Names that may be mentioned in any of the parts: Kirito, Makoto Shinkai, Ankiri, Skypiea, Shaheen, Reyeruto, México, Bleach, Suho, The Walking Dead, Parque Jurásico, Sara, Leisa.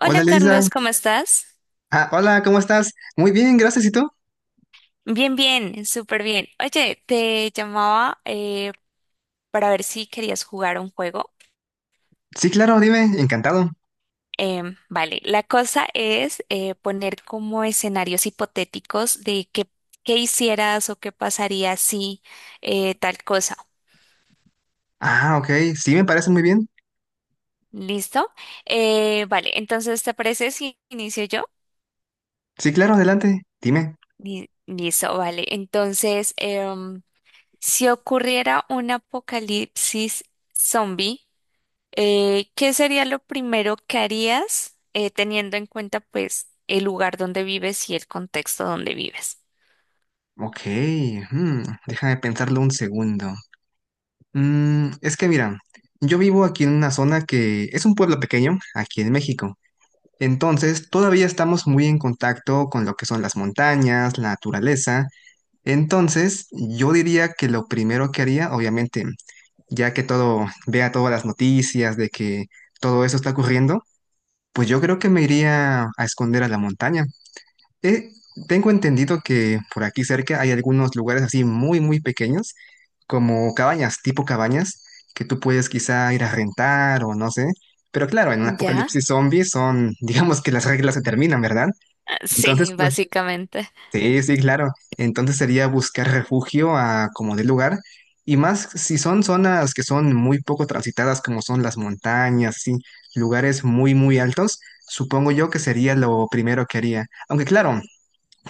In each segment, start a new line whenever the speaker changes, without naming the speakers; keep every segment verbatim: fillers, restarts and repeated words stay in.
Hola
Hola, Leisa.
Carlos, ¿cómo estás?
Ah, hola, ¿cómo estás? Muy bien, gracias. ¿Y tú?
Bien, bien, súper bien. Oye, te llamaba eh, para ver si querías jugar un juego.
Sí, claro, dime. Encantado.
Em, vale, la cosa es eh, poner como escenarios hipotéticos de qué, qué hicieras o qué pasaría si eh, tal cosa.
Ah, ok, sí, me parece muy bien.
¿Listo? Eh, vale, entonces, ¿te parece si inicio yo?
Sí, claro, adelante. Dime.
Li- Listo, vale. Entonces, em, si ocurriera un apocalipsis zombie, Eh, ¿qué sería lo primero que harías eh, teniendo en cuenta pues el lugar donde vives y el contexto donde vives?
Ok. Hmm, déjame pensarlo un segundo. Mm, es que mira, yo vivo aquí en una zona que es un pueblo pequeño, aquí en México. Entonces, todavía estamos muy en contacto con lo que son las montañas, la naturaleza. Entonces, yo diría que lo primero que haría, obviamente, ya que todo, vea todas las noticias de que todo eso está ocurriendo, pues yo creo que me iría a esconder a la montaña. Eh, Tengo entendido que por aquí cerca hay algunos lugares así muy, muy pequeños, como cabañas, tipo cabañas, que tú puedes quizá ir a rentar o no sé. Pero claro, en un
¿Ya?
apocalipsis zombie son, digamos que las reglas se terminan, ¿verdad?
Ah,
Entonces,
sí,
pues
básicamente.
sí, sí, claro. Entonces sería buscar refugio a como de lugar. Y más si son zonas que son muy poco transitadas, como son las montañas, sí, lugares muy, muy altos, supongo yo que sería lo primero que haría. Aunque claro,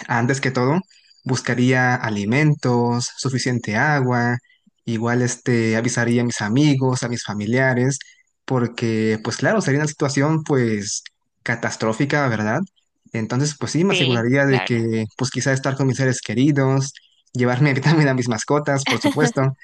antes que todo, buscaría alimentos, suficiente agua, igual este, avisaría a mis amigos, a mis familiares, porque pues claro, sería una situación pues catastrófica, ¿verdad? Entonces pues sí, me
Sí,
aseguraría de
claro.
que pues quizá estar con mis seres queridos, llevarme también a mis mascotas, por supuesto,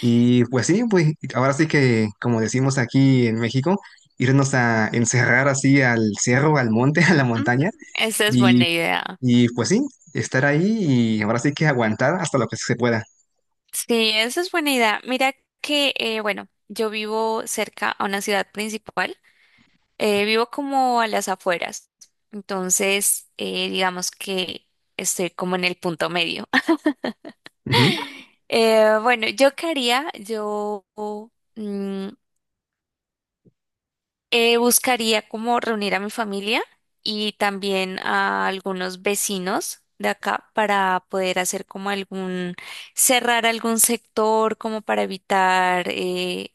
y pues sí, pues ahora sí que como decimos aquí en México, irnos a encerrar así al cerro, al monte, a la
Mm,
montaña
esa es
y,
buena idea.
y pues sí, estar ahí y ahora sí que aguantar hasta lo que se pueda.
Sí, esa es buena idea. Mira que, eh, bueno, yo vivo cerca a una ciudad principal, eh, vivo como a las afueras, entonces eh, digamos que estoy como en el punto medio.
Ujú.
Eh, bueno, yo qué haría, yo mm, eh, buscaría como reunir a mi familia y también a algunos vecinos de acá para poder hacer como algún, cerrar algún sector como para evitar eh,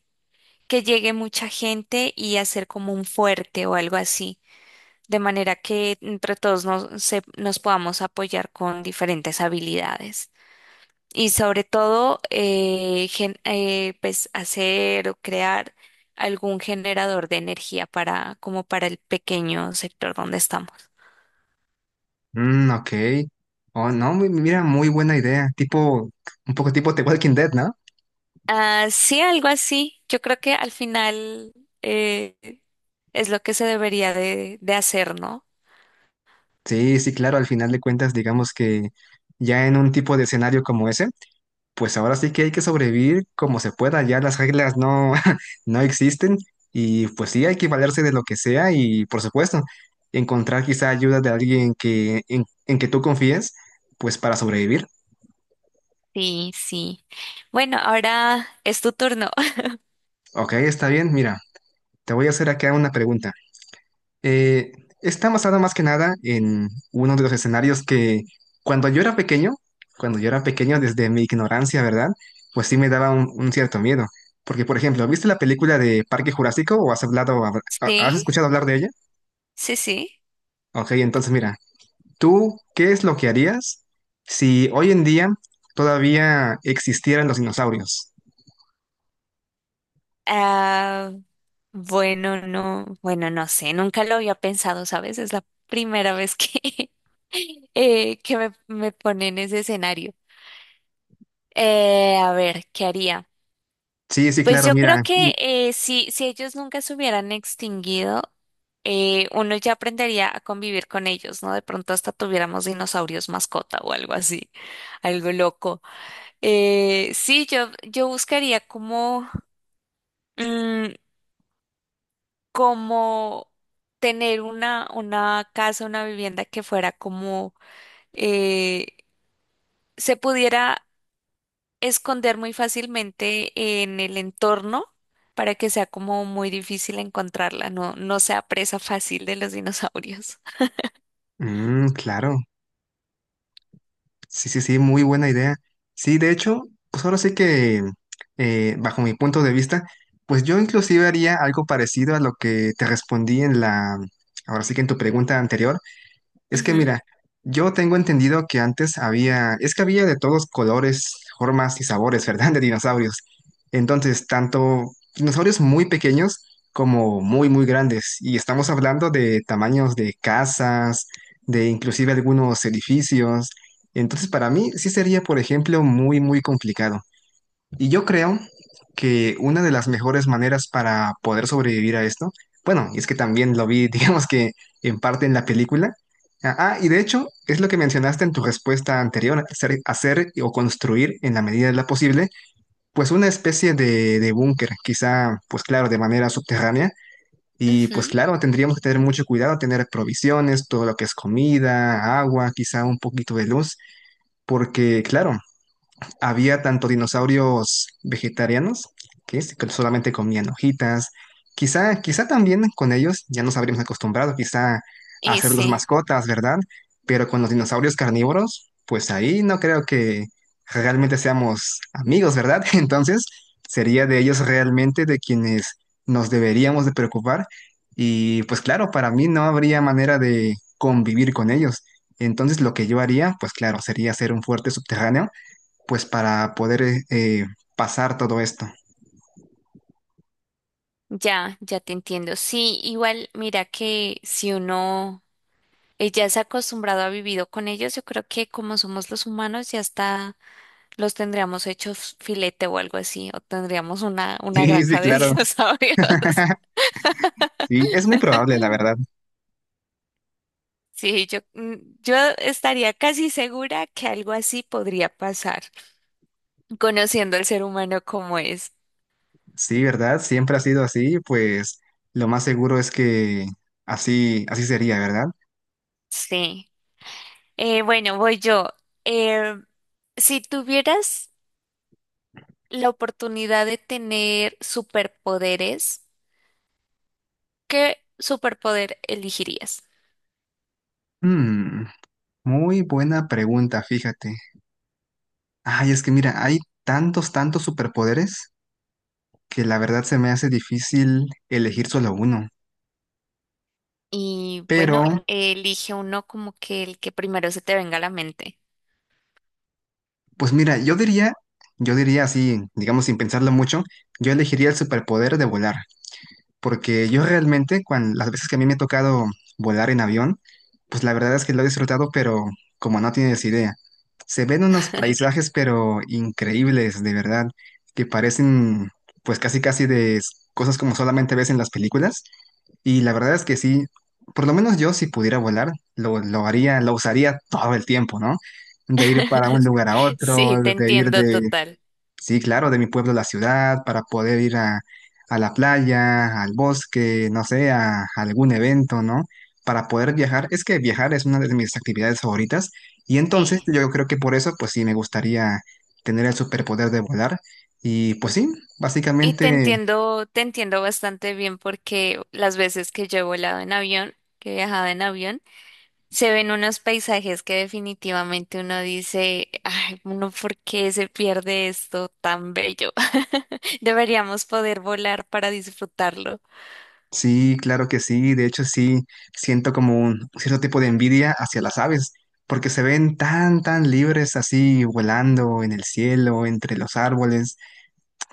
que llegue mucha gente y hacer como un fuerte o algo así, de manera que entre todos nos, se- nos podamos apoyar con diferentes habilidades. Y sobre todo eh, gen- eh, pues hacer o crear algún generador de energía para como para el pequeño sector donde estamos.
Mm, ok. Oh, no, mi- mira, muy buena idea. Tipo, un poco tipo The Walking Dead, ¿no?
Ah, sí, algo así. Yo creo que al final eh, es lo que se debería de, de hacer, ¿no?
Sí, sí, claro, al final de cuentas, digamos que ya en un tipo de escenario como ese, pues ahora sí que hay que sobrevivir como se pueda, ya las reglas no, no existen y pues sí hay que valerse de lo que sea y por supuesto, encontrar quizá ayuda de alguien que, en, en que tú confíes, pues para sobrevivir.
Sí, sí. Bueno, ahora es tu turno.
Ok, está bien. Mira, te voy a hacer acá una pregunta. Eh, Está basada más que nada en uno de los escenarios que cuando yo era pequeño, cuando yo era pequeño desde mi ignorancia, ¿verdad? Pues sí me daba un, un cierto miedo. Porque, por ejemplo, ¿viste la película de Parque Jurásico o has hablado, habl- ha- has
Sí,
escuchado hablar de ella?
sí, sí.
Ok, entonces mira, ¿tú qué es lo que harías si hoy en día todavía existieran los dinosaurios?
Ah, bueno, no, bueno, no sé, nunca lo había pensado, ¿sabes? Es la primera vez que, eh, que me, me pone en ese escenario. Eh, a ver, ¿qué haría?
Sí, sí,
Pues
claro,
yo creo
mira. y-
que eh, si, si ellos nunca se hubieran extinguido, eh, uno ya aprendería a convivir con ellos, ¿no? De pronto hasta tuviéramos dinosaurios mascota o algo así, algo loco. Eh, sí, yo, yo buscaría como... mm, como tener una, una casa, una vivienda que fuera como eh, se pudiera esconder muy fácilmente en el entorno para que sea como muy difícil encontrarla, no, no sea presa fácil de los dinosaurios.
Mm, claro. Sí, sí, sí, muy buena idea. Sí, de hecho, pues ahora sí que, eh, bajo mi punto de vista, pues yo inclusive haría algo parecido a lo que te respondí en la, ahora sí que en tu pregunta anterior, es que
Ujú,
mira, yo tengo entendido que antes había, es que había de todos colores, formas y sabores, ¿verdad? De dinosaurios. Entonces, tanto dinosaurios muy pequeños como muy, muy grandes. Y estamos hablando de tamaños de casas, de inclusive algunos edificios. Entonces, para mí sí sería, por ejemplo, muy, muy complicado. Y yo creo que una de las mejores maneras para poder sobrevivir a esto, bueno, y es que también lo vi, digamos que en parte en la película. Ah, ah, y de hecho, es lo que mencionaste en tu respuesta anterior, hacer, hacer o construir en la medida de lo posible, pues una especie de, de búnker, quizá, pues claro, de manera subterránea. Y pues
ujú,
claro, tendríamos que tener mucho cuidado, tener provisiones, todo lo que es comida, agua, quizá un poquito de luz, porque claro, había tanto dinosaurios vegetarianos, que es- que solamente comían hojitas, quizá, quizá también con ellos ya nos habríamos acostumbrado quizá a hacerlos
ese,
mascotas, ¿verdad? Pero con los dinosaurios carnívoros, pues ahí no creo que realmente seamos amigos, ¿verdad? Entonces, sería de ellos realmente de quienes nos deberíamos de preocupar. Y pues claro, para mí no habría manera de convivir con ellos. Entonces lo que yo haría, pues claro, sería hacer un fuerte subterráneo pues para poder eh, eh, pasar todo esto.
ya, ya te entiendo. Sí, igual, mira que si uno eh, ya se ha acostumbrado a vivir con ellos, yo creo que como somos los humanos, ya está. Los tendríamos hechos filete o algo así, o tendríamos una, una
Sí, sí,
granja de
claro.
dinosaurios.
Sí, es muy probable, la verdad.
Sí, yo, mm, yo estaría casi segura que algo así podría pasar, conociendo al ser humano como es.
Sí, ¿verdad? Siempre ha sido así, pues lo más seguro es que así, así sería, ¿verdad?
Sí. Eh, bueno, voy yo. Eh, si tuvieras la oportunidad de tener superpoderes, ¿qué superpoder elegirías?
Mm, Muy buena pregunta, fíjate. Ay, es que mira, hay tantos, tantos superpoderes que la verdad se me hace difícil elegir solo uno.
Y
Pero,
bueno, elige uno como que el que primero se te venga a la mente.
pues mira, yo diría, yo diría así, digamos sin pensarlo mucho, yo elegiría el superpoder de volar. Porque yo realmente, cuando, las veces que a mí me ha tocado volar en avión, pues la verdad es que lo he disfrutado, pero como no tienes idea. Se ven unos paisajes, pero increíbles, de verdad, que parecen pues casi casi de s- cosas como solamente ves en las películas. Y la verdad es que sí, por lo menos yo si pudiera volar, lo, lo haría, lo usaría todo el tiempo, ¿no? De ir para un lugar a
Sí,
otro,
te
de ir
entiendo
de
total.
sí, claro, de mi pueblo a la ciudad, para poder ir a, a la playa, al bosque, no sé, a, a algún evento, ¿no? Para poder viajar. Es que viajar es una de mis actividades favoritas y entonces
Sí.
yo creo que por eso, pues sí, me gustaría tener el superpoder de volar. Y pues sí,
Y te
básicamente,
entiendo, te entiendo bastante bien porque las veces que yo he volado en avión, que he viajado en avión, se ven unos paisajes que definitivamente uno dice, ay, uno, ¿por qué se pierde esto tan bello? Deberíamos poder volar para disfrutarlo.
sí, claro que sí. De hecho, sí, siento como un cierto tipo de envidia hacia las aves, porque se ven tan, tan libres así volando en el cielo, entre los árboles.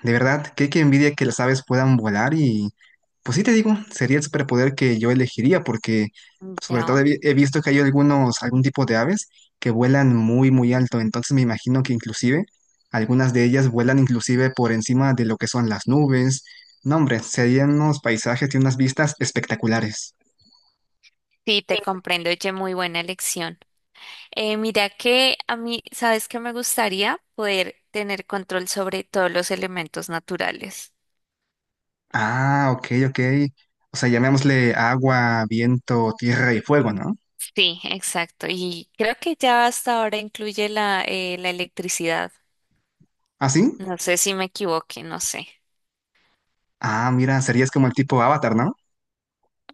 De verdad, qué, qué envidia que las aves puedan volar y pues sí te digo, sería el superpoder que yo elegiría porque sobre todo he,
Ya.
vi- he visto que hay algunos, algún tipo de aves que vuelan muy muy alto, entonces me imagino que inclusive algunas de ellas vuelan inclusive por encima de lo que son las nubes. No, hombre, serían unos paisajes y unas vistas espectaculares.
Sí, te comprendo, oye, muy buena elección. Eh, mira que a mí, ¿sabes qué me gustaría? Poder tener control sobre todos los elementos naturales.
Ah, ok, ok. O sea, llamémosle agua, viento, tierra y fuego, ¿no?
Sí, exacto. Y creo que ya hasta ahora incluye la, eh, la electricidad.
¿Ah, sí?
No sé si me equivoqué, no sé.
Ah, mira, serías como el tipo Avatar, ¿no?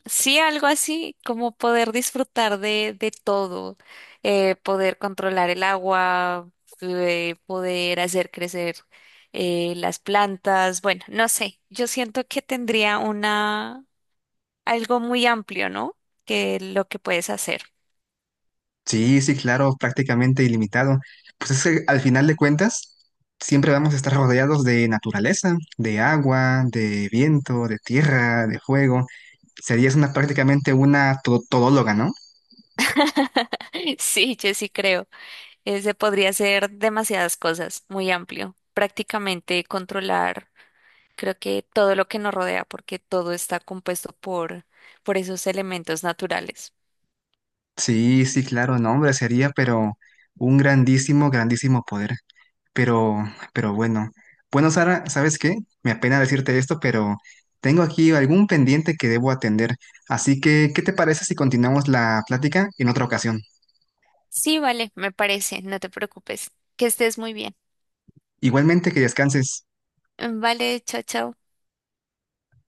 Sí, algo así, como poder disfrutar de, de todo, eh, poder controlar el agua, eh, poder hacer crecer eh, las plantas. Bueno, no sé, yo siento que tendría algo muy amplio, ¿no? Que lo que puedes hacer.
Sí, sí, claro, prácticamente ilimitado. Pues es que al final de cuentas, siempre vamos a estar rodeados de naturaleza, de agua, de viento, de tierra, de fuego. Serías una prácticamente una to- todóloga, ¿no?
Sí, yo sí creo. Ese podría ser demasiadas cosas, muy amplio. Prácticamente controlar, creo que todo lo que nos rodea, porque todo está compuesto por, por esos elementos naturales.
Sí, sí, claro, no, hombre, sería, pero un grandísimo, grandísimo poder. Pero, pero bueno. Bueno, Sara, ¿sabes qué? Me apena decirte esto, pero tengo aquí algún pendiente que debo atender. Así que, ¿qué te parece si continuamos la plática en otra ocasión?
Sí, vale, me parece, no te preocupes. Que estés muy bien.
Igualmente, que descanses.
Vale, chao, chao.